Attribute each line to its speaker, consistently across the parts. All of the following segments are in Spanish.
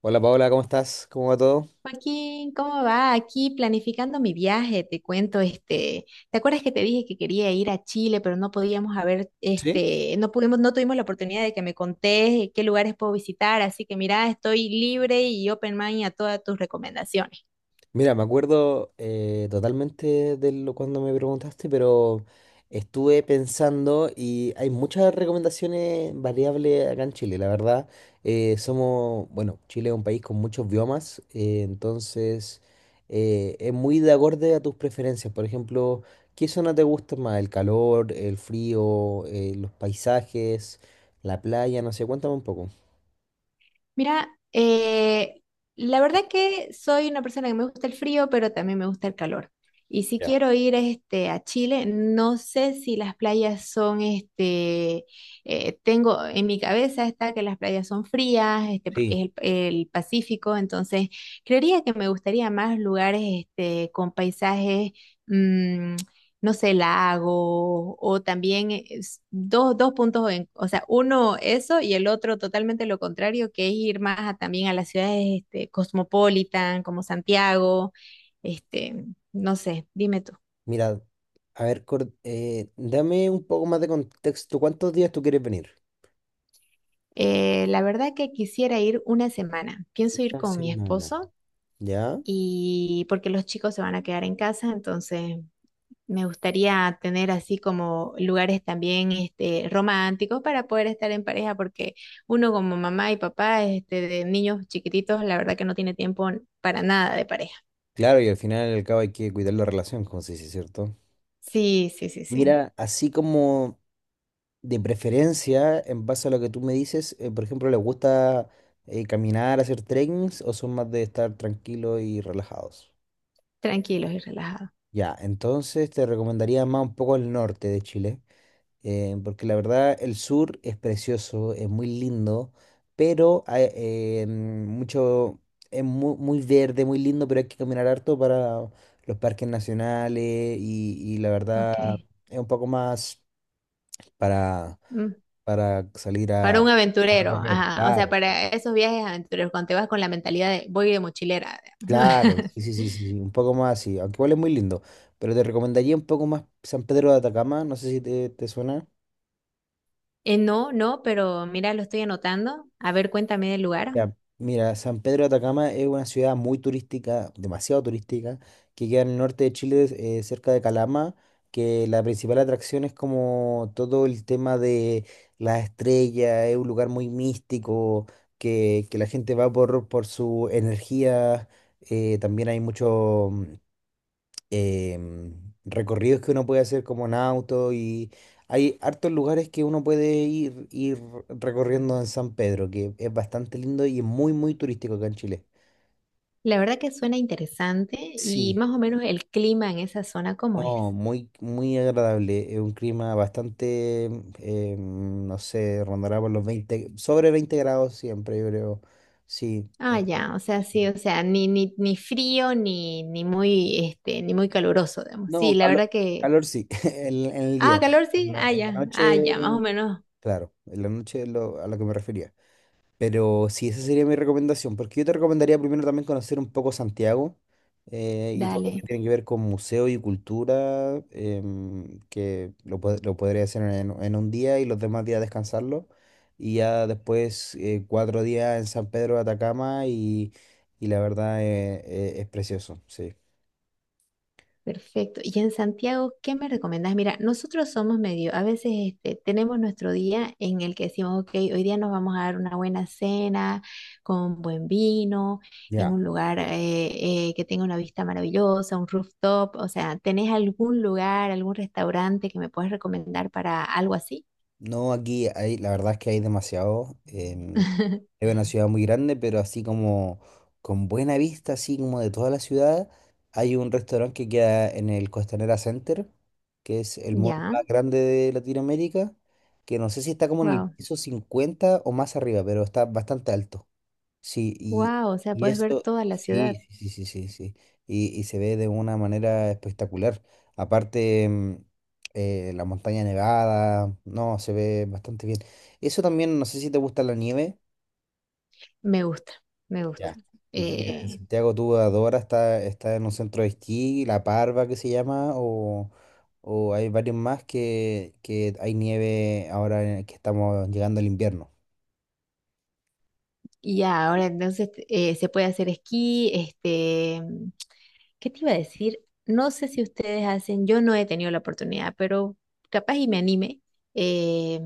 Speaker 1: Hola Paola, ¿cómo estás? ¿Cómo va todo?
Speaker 2: Joaquín, ¿cómo va? Aquí planificando mi viaje, te cuento, ¿te acuerdas que te dije que quería ir a Chile, pero no podíamos haber,
Speaker 1: Sí.
Speaker 2: no pudimos, no tuvimos la oportunidad de que me contés qué lugares puedo visitar? Así que mira, estoy libre y open mind a todas tus recomendaciones.
Speaker 1: Mira, me acuerdo totalmente de lo cuando me preguntaste, pero estuve pensando y hay muchas recomendaciones variables acá en Chile, la verdad. Somos, bueno, Chile es un país con muchos biomas, entonces es muy de acorde a tus preferencias. Por ejemplo, ¿qué zona te gusta más? ¿El calor, el frío, los paisajes, la playa? No sé, cuéntame un poco.
Speaker 2: Mira, eh, la verdad que soy una persona que me gusta el frío, pero también me gusta el calor. Y si quiero ir a Chile, no sé si las playas son, tengo en mi cabeza está que las playas son frías,
Speaker 1: Sí.
Speaker 2: porque es el Pacífico, entonces creería que me gustaría más lugares con paisajes, mm, no sé, lago, o también es- dos puntos, en- o sea, uno eso y el otro totalmente lo contrario, que es ir más a- también a las ciudades cosmopolitan, como Santiago, este, no sé, dime tú.
Speaker 1: Mira, a ver, dame un poco más de contexto. ¿Cuántos días tú quieres venir?
Speaker 2: La verdad que quisiera ir una semana. Pienso ir
Speaker 1: Una
Speaker 2: con mi
Speaker 1: semana.
Speaker 2: esposo
Speaker 1: ¿Ya?
Speaker 2: y porque los chicos se van a quedar en casa. Entonces me gustaría tener así como lugares también románticos para poder estar en pareja, porque uno como mamá y papá de niños chiquititos, la verdad que no tiene tiempo para nada de pareja.
Speaker 1: Claro, y al final y al cabo hay que cuidar la relación, como se dice, ¿cierto?
Speaker 2: Sí, sí, sí, sí.
Speaker 1: Mira, así como de preferencia, en base a lo que tú me dices, por ejemplo, ¿les gusta caminar, hacer trekkings o son más de estar tranquilos y relajados?
Speaker 2: Tranquilos y relajados.
Speaker 1: Ya, entonces te recomendaría más un poco el norte de Chile. Porque la verdad el sur es precioso, es muy lindo, pero es muy, muy verde, muy lindo, pero hay que caminar harto para los parques nacionales y la verdad
Speaker 2: Ok.
Speaker 1: es un poco más para,
Speaker 2: Mm.
Speaker 1: para salir
Speaker 2: Para un
Speaker 1: a
Speaker 2: aventurero,
Speaker 1: recorrer.
Speaker 2: ajá. O sea,
Speaker 1: Claro,
Speaker 2: para esos viajes aventureros, cuando te vas con la mentalidad de voy de mochilera, digamos,
Speaker 1: claro,
Speaker 2: ¿no?
Speaker 1: sí, sí, sí, sí, sí, un poco más así, aunque igual es muy lindo, pero te recomendaría un poco más San Pedro de Atacama, no sé si te suena.
Speaker 2: No, no, pero mira, lo estoy anotando. A ver, cuéntame del lugar.
Speaker 1: Ya, mira, San Pedro de Atacama es una ciudad muy turística, demasiado turística, que queda en el norte de Chile, cerca de Calama, que la principal atracción es como todo el tema de las estrellas, es un lugar muy místico, que la gente va por su energía, también hay mucho, em, recorridos que uno puede hacer como en auto y hay hartos lugares que uno puede ir recorriendo en San Pedro, que es bastante lindo y es muy, muy turístico acá en Chile.
Speaker 2: La verdad que suena interesante. ¿Y
Speaker 1: Sí,
Speaker 2: más o menos el clima en esa zona, cómo
Speaker 1: no,
Speaker 2: es?
Speaker 1: muy, muy agradable. Es un clima bastante, no sé, rondará por los 20 sobre 20 grados siempre, yo creo. Sí.
Speaker 2: Ah, ya, o sea, sí, o sea, ni frío ni muy, ni muy caluroso, digamos.
Speaker 1: No,
Speaker 2: Sí, la verdad que.
Speaker 1: calor sí, en el
Speaker 2: Ah,
Speaker 1: día.
Speaker 2: calor sí, ah,
Speaker 1: En la
Speaker 2: ya, ah,
Speaker 1: noche,
Speaker 2: ya, más o menos.
Speaker 1: claro, en la noche a lo que me refería. Pero sí, esa sería mi recomendación, porque yo te recomendaría primero también conocer un poco Santiago y todo lo que
Speaker 2: Dale.
Speaker 1: tiene que ver con museo y cultura, que lo podría hacer en un día y los demás días descansarlo. Y ya después 4 días en San Pedro de Atacama y la verdad es precioso, sí.
Speaker 2: Perfecto. ¿Y en Santiago, qué me recomendás? Mira, nosotros somos medio, a veces tenemos nuestro día en el que decimos, ok, hoy día nos vamos a dar una buena cena con buen vino, en
Speaker 1: Ya.
Speaker 2: un lugar que tenga una vista maravillosa, un rooftop. O sea, ¿tenés algún lugar, algún restaurante que me puedas recomendar para algo así?
Speaker 1: No, aquí hay, la verdad es que hay demasiado. Es una ciudad muy grande, pero así como con buena vista, así como de toda la ciudad, hay un restaurante que queda en el Costanera Center, que es el mall
Speaker 2: Ya,
Speaker 1: más grande de Latinoamérica, que no sé si está como en el
Speaker 2: wow,
Speaker 1: piso 50 o más arriba, pero está bastante alto. Sí, y,
Speaker 2: wow, o sea,
Speaker 1: y
Speaker 2: puedes ver
Speaker 1: eso,
Speaker 2: toda la ciudad.
Speaker 1: sí, sí, sí, sí, sí, sí. Y se ve de una manera espectacular. Aparte, la montaña nevada, no, se ve bastante bien. Eso también, no sé si te gusta la nieve.
Speaker 2: Me gusta, me gusta.
Speaker 1: Ya. Mira, en
Speaker 2: Eh,
Speaker 1: Santiago tú adoras, está en un centro de esquí, La Parva que se llama, o hay varios más que hay nieve ahora que estamos llegando al invierno.
Speaker 2: Y ya, ahora entonces se puede hacer esquí, ¿qué te iba a decir? No sé si ustedes hacen, yo no he tenido la oportunidad, pero capaz y me anime. eh,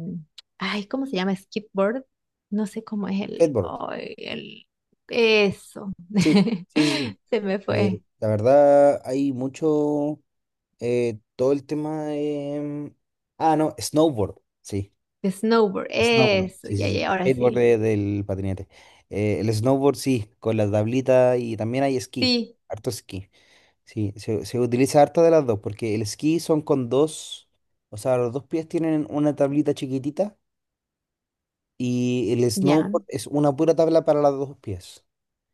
Speaker 2: Ay, ¿cómo se llama? Skateboard. No sé cómo es el,
Speaker 1: Skateboard,
Speaker 2: ay, el, eso.
Speaker 1: sí, sí, sí, sí.
Speaker 2: Se me fue.
Speaker 1: La verdad hay mucho, todo el tema de... Ah, no, snowboard, sí.
Speaker 2: Snowboard,
Speaker 1: Snowboard.
Speaker 2: eso,
Speaker 1: Sí,
Speaker 2: ya,
Speaker 1: sí, sí.
Speaker 2: ya, ahora
Speaker 1: Skateboard
Speaker 2: sí.
Speaker 1: del patinete. El snowboard, sí, con la tablita y también hay esquí,
Speaker 2: Sí,
Speaker 1: harto esquí. Sí, se utiliza harto de las dos, porque el esquí son con dos, o sea, los dos pies tienen una tablita chiquitita y el
Speaker 2: ya.
Speaker 1: snowboard es una pura tabla para los dos pies.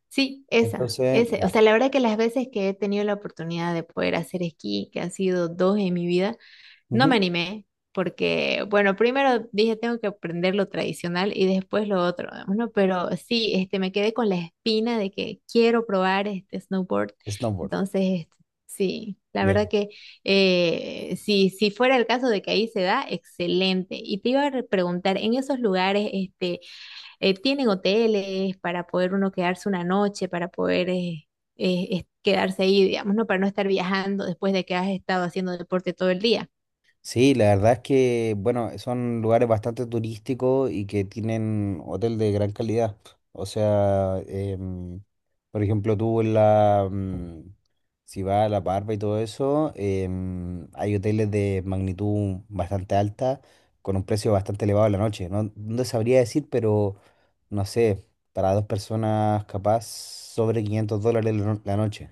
Speaker 2: Sí, esa,
Speaker 1: Entonces,
Speaker 2: ese. O
Speaker 1: ya.
Speaker 2: sea, la verdad que las veces que he tenido la oportunidad de poder hacer esquí, que han sido dos en mi vida, no me
Speaker 1: Ujú.
Speaker 2: animé porque, bueno, primero dije tengo que aprender lo tradicional y después lo otro. Bueno, pero sí, me quedé con la espina de que quiero probar este snowboard.
Speaker 1: Snowboard.
Speaker 2: Entonces, sí, la verdad
Speaker 1: Bien.
Speaker 2: que si, si fuera el caso de que ahí se da, excelente. Y te iba a re- preguntar, ¿en esos lugares tienen hoteles para poder uno quedarse una noche, para poder es- quedarse ahí, digamos, no? Para no estar viajando después de que has estado haciendo deporte todo el día.
Speaker 1: Sí, la verdad es que, bueno, son lugares bastante turísticos y que tienen hotel de gran calidad. O sea, por ejemplo, tú en la, mm, si vas a La Parva y todo eso, hay hoteles de magnitud bastante alta, con un precio bastante elevado en la noche. No, no sabría decir, pero no sé, para dos personas capaz sobre $500 la la noche.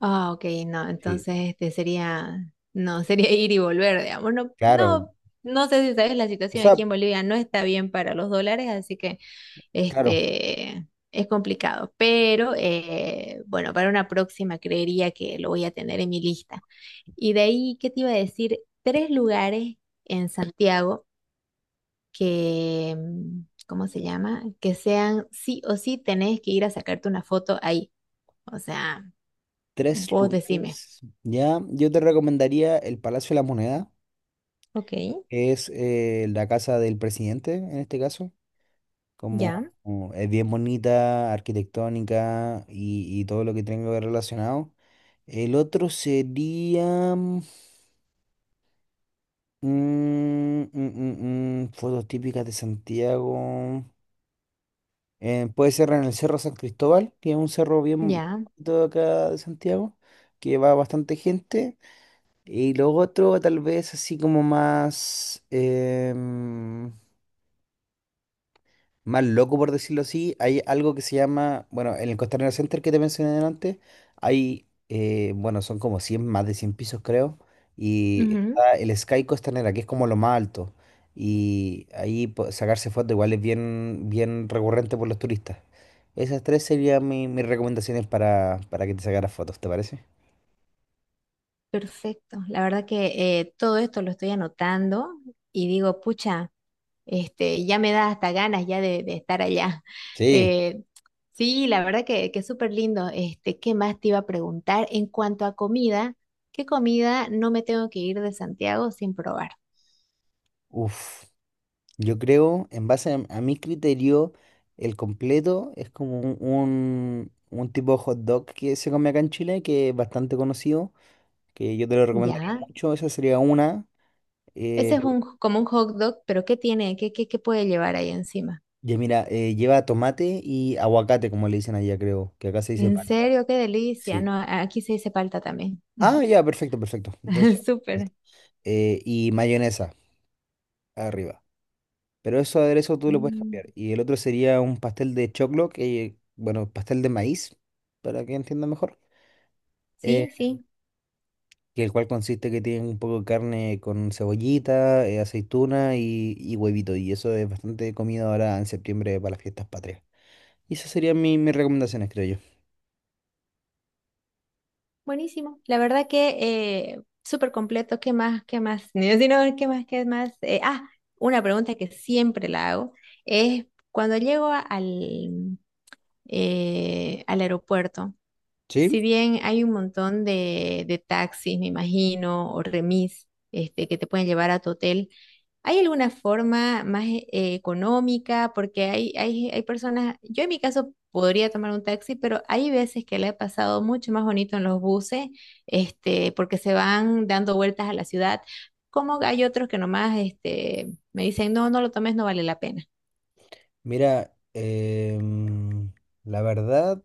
Speaker 2: Ah, ok, no,
Speaker 1: Sí,
Speaker 2: entonces este sería, no, sería ir y volver, digamos. No,
Speaker 1: claro.
Speaker 2: no, no sé si sabes, la
Speaker 1: O
Speaker 2: situación aquí
Speaker 1: sea,
Speaker 2: en Bolivia no está bien para los dólares, así que
Speaker 1: claro.
Speaker 2: este es complicado. Pero bueno, para una próxima creería que lo voy a tener en mi lista. Y de ahí, ¿qué te iba a decir? Tres lugares en Santiago que, ¿cómo se llama? Que sean sí o sí tenés que ir a sacarte una foto ahí. O sea,
Speaker 1: Tres
Speaker 2: vos decime.
Speaker 1: lugares. Ya, yo te recomendaría el Palacio de la Moneda,
Speaker 2: Ok.
Speaker 1: que es la casa del presidente en este caso. Como,
Speaker 2: Ya,
Speaker 1: como es bien bonita, arquitectónica y todo lo que tenga que ver relacionado. El otro sería fotos típicas de Santiago. Puede ser en el Cerro San Cristóbal, que es un cerro bien
Speaker 2: ya.
Speaker 1: bonito de acá de Santiago, que va bastante gente. Y lo otro, tal vez así como más, más loco, por decirlo así, hay algo que se llama, bueno, en el Costanera Center que te mencioné antes, bueno, son como 100 más de 100 pisos creo, y
Speaker 2: Ujú.
Speaker 1: está el Sky Costanera, que es como lo más alto, y ahí sacarse fotos igual es bien, bien recurrente por los turistas. Esas tres serían mis recomendaciones para que te sacaras fotos, ¿te parece?
Speaker 2: Perfecto. La verdad que todo esto lo estoy anotando y digo, pucha, ya me da hasta ganas ya de, estar allá.
Speaker 1: Sí,
Speaker 2: Eh, sí, la verdad que súper lindo. ¿Qué más te iba a preguntar? En cuanto a comida, ¿qué comida no me tengo que ir de Santiago sin probar?
Speaker 1: uff. Yo creo, en base a mi criterio, el completo es como un tipo de hot dog que se come acá en Chile, que es bastante conocido, que yo te lo recomendaría
Speaker 2: Ya.
Speaker 1: mucho, esa sería una.
Speaker 2: Ese
Speaker 1: Eh,
Speaker 2: es
Speaker 1: te-
Speaker 2: un, como un hot dog, pero ¿qué tiene? ¿Qué puede llevar ahí encima?
Speaker 1: ya mira, lleva tomate y aguacate, como le dicen allá, creo, que acá se dice
Speaker 2: En
Speaker 1: palta.
Speaker 2: serio, qué delicia.
Speaker 1: Sí.
Speaker 2: No, aquí se dice palta también.
Speaker 1: Ah, ya, perfecto, perfecto. Entonces,
Speaker 2: Súper.
Speaker 1: y mayonesa arriba. Pero eso aderezo tú lo puedes
Speaker 2: Mm.
Speaker 1: cambiar. Y el otro sería un pastel de choclo, que, bueno, pastel de maíz, para que entienda mejor eh,
Speaker 2: Sí, sí,
Speaker 1: que el cual consiste que tiene un poco de carne con cebollita, aceituna y huevito. Y eso es bastante comida ahora en septiembre para las fiestas patrias. Y esas serían mis recomendaciones, creo yo.
Speaker 2: buenísimo. La verdad que súper completo. ¿Qué más? ¿Qué más? No, si no, ¿qué más? ¿Qué más? Una pregunta que siempre la hago es cuando llego a- al, al aeropuerto,
Speaker 1: Sí,
Speaker 2: si bien hay un montón de taxis, me imagino, o remis, que te pueden llevar a tu hotel. ¿Hay alguna forma más e- económica? Porque hay personas, yo en mi caso podría tomar un taxi, pero hay veces que le he pasado mucho más bonito en los buses, porque se van dando vueltas a la ciudad. Como hay otros que nomás, me dicen, no, no lo tomes, no vale la pena.
Speaker 1: mira, la verdad,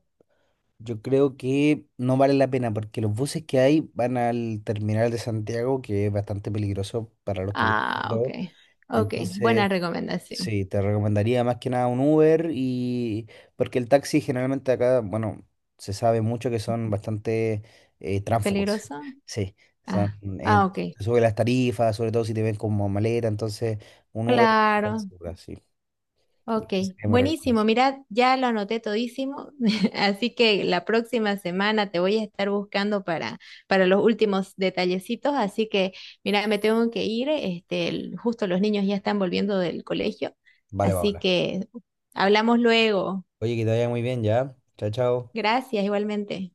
Speaker 1: yo creo que no vale la pena porque los buses que hay van al terminal de Santiago, que es bastante peligroso para los turistas.
Speaker 2: Ah, ok,
Speaker 1: Luego.
Speaker 2: ok, buena
Speaker 1: Entonces,
Speaker 2: recomendación.
Speaker 1: sí, te recomendaría más que nada un Uber y porque el taxi generalmente acá, bueno, se sabe mucho que son bastante tránsfugos.
Speaker 2: ¿Peligroso?
Speaker 1: Sí, son,
Speaker 2: Ah,
Speaker 1: eh,
Speaker 2: ah, ok.
Speaker 1: te suben las tarifas, sobre todo si te ven como maleta, entonces un Uber,
Speaker 2: Claro.
Speaker 1: sí.
Speaker 2: Ok,
Speaker 1: Sí, me recomiendo,
Speaker 2: buenísimo.
Speaker 1: sí.
Speaker 2: Mira, ya lo anoté todísimo, así que la próxima semana te voy a estar buscando para los últimos detallecitos. Así que, mira, me tengo que ir. El- justo los niños ya están volviendo del colegio,
Speaker 1: Vale,
Speaker 2: así
Speaker 1: Paola.
Speaker 2: que hablamos luego.
Speaker 1: Oye, que te vaya muy bien ya. Chao, chao.
Speaker 2: Gracias, igualmente.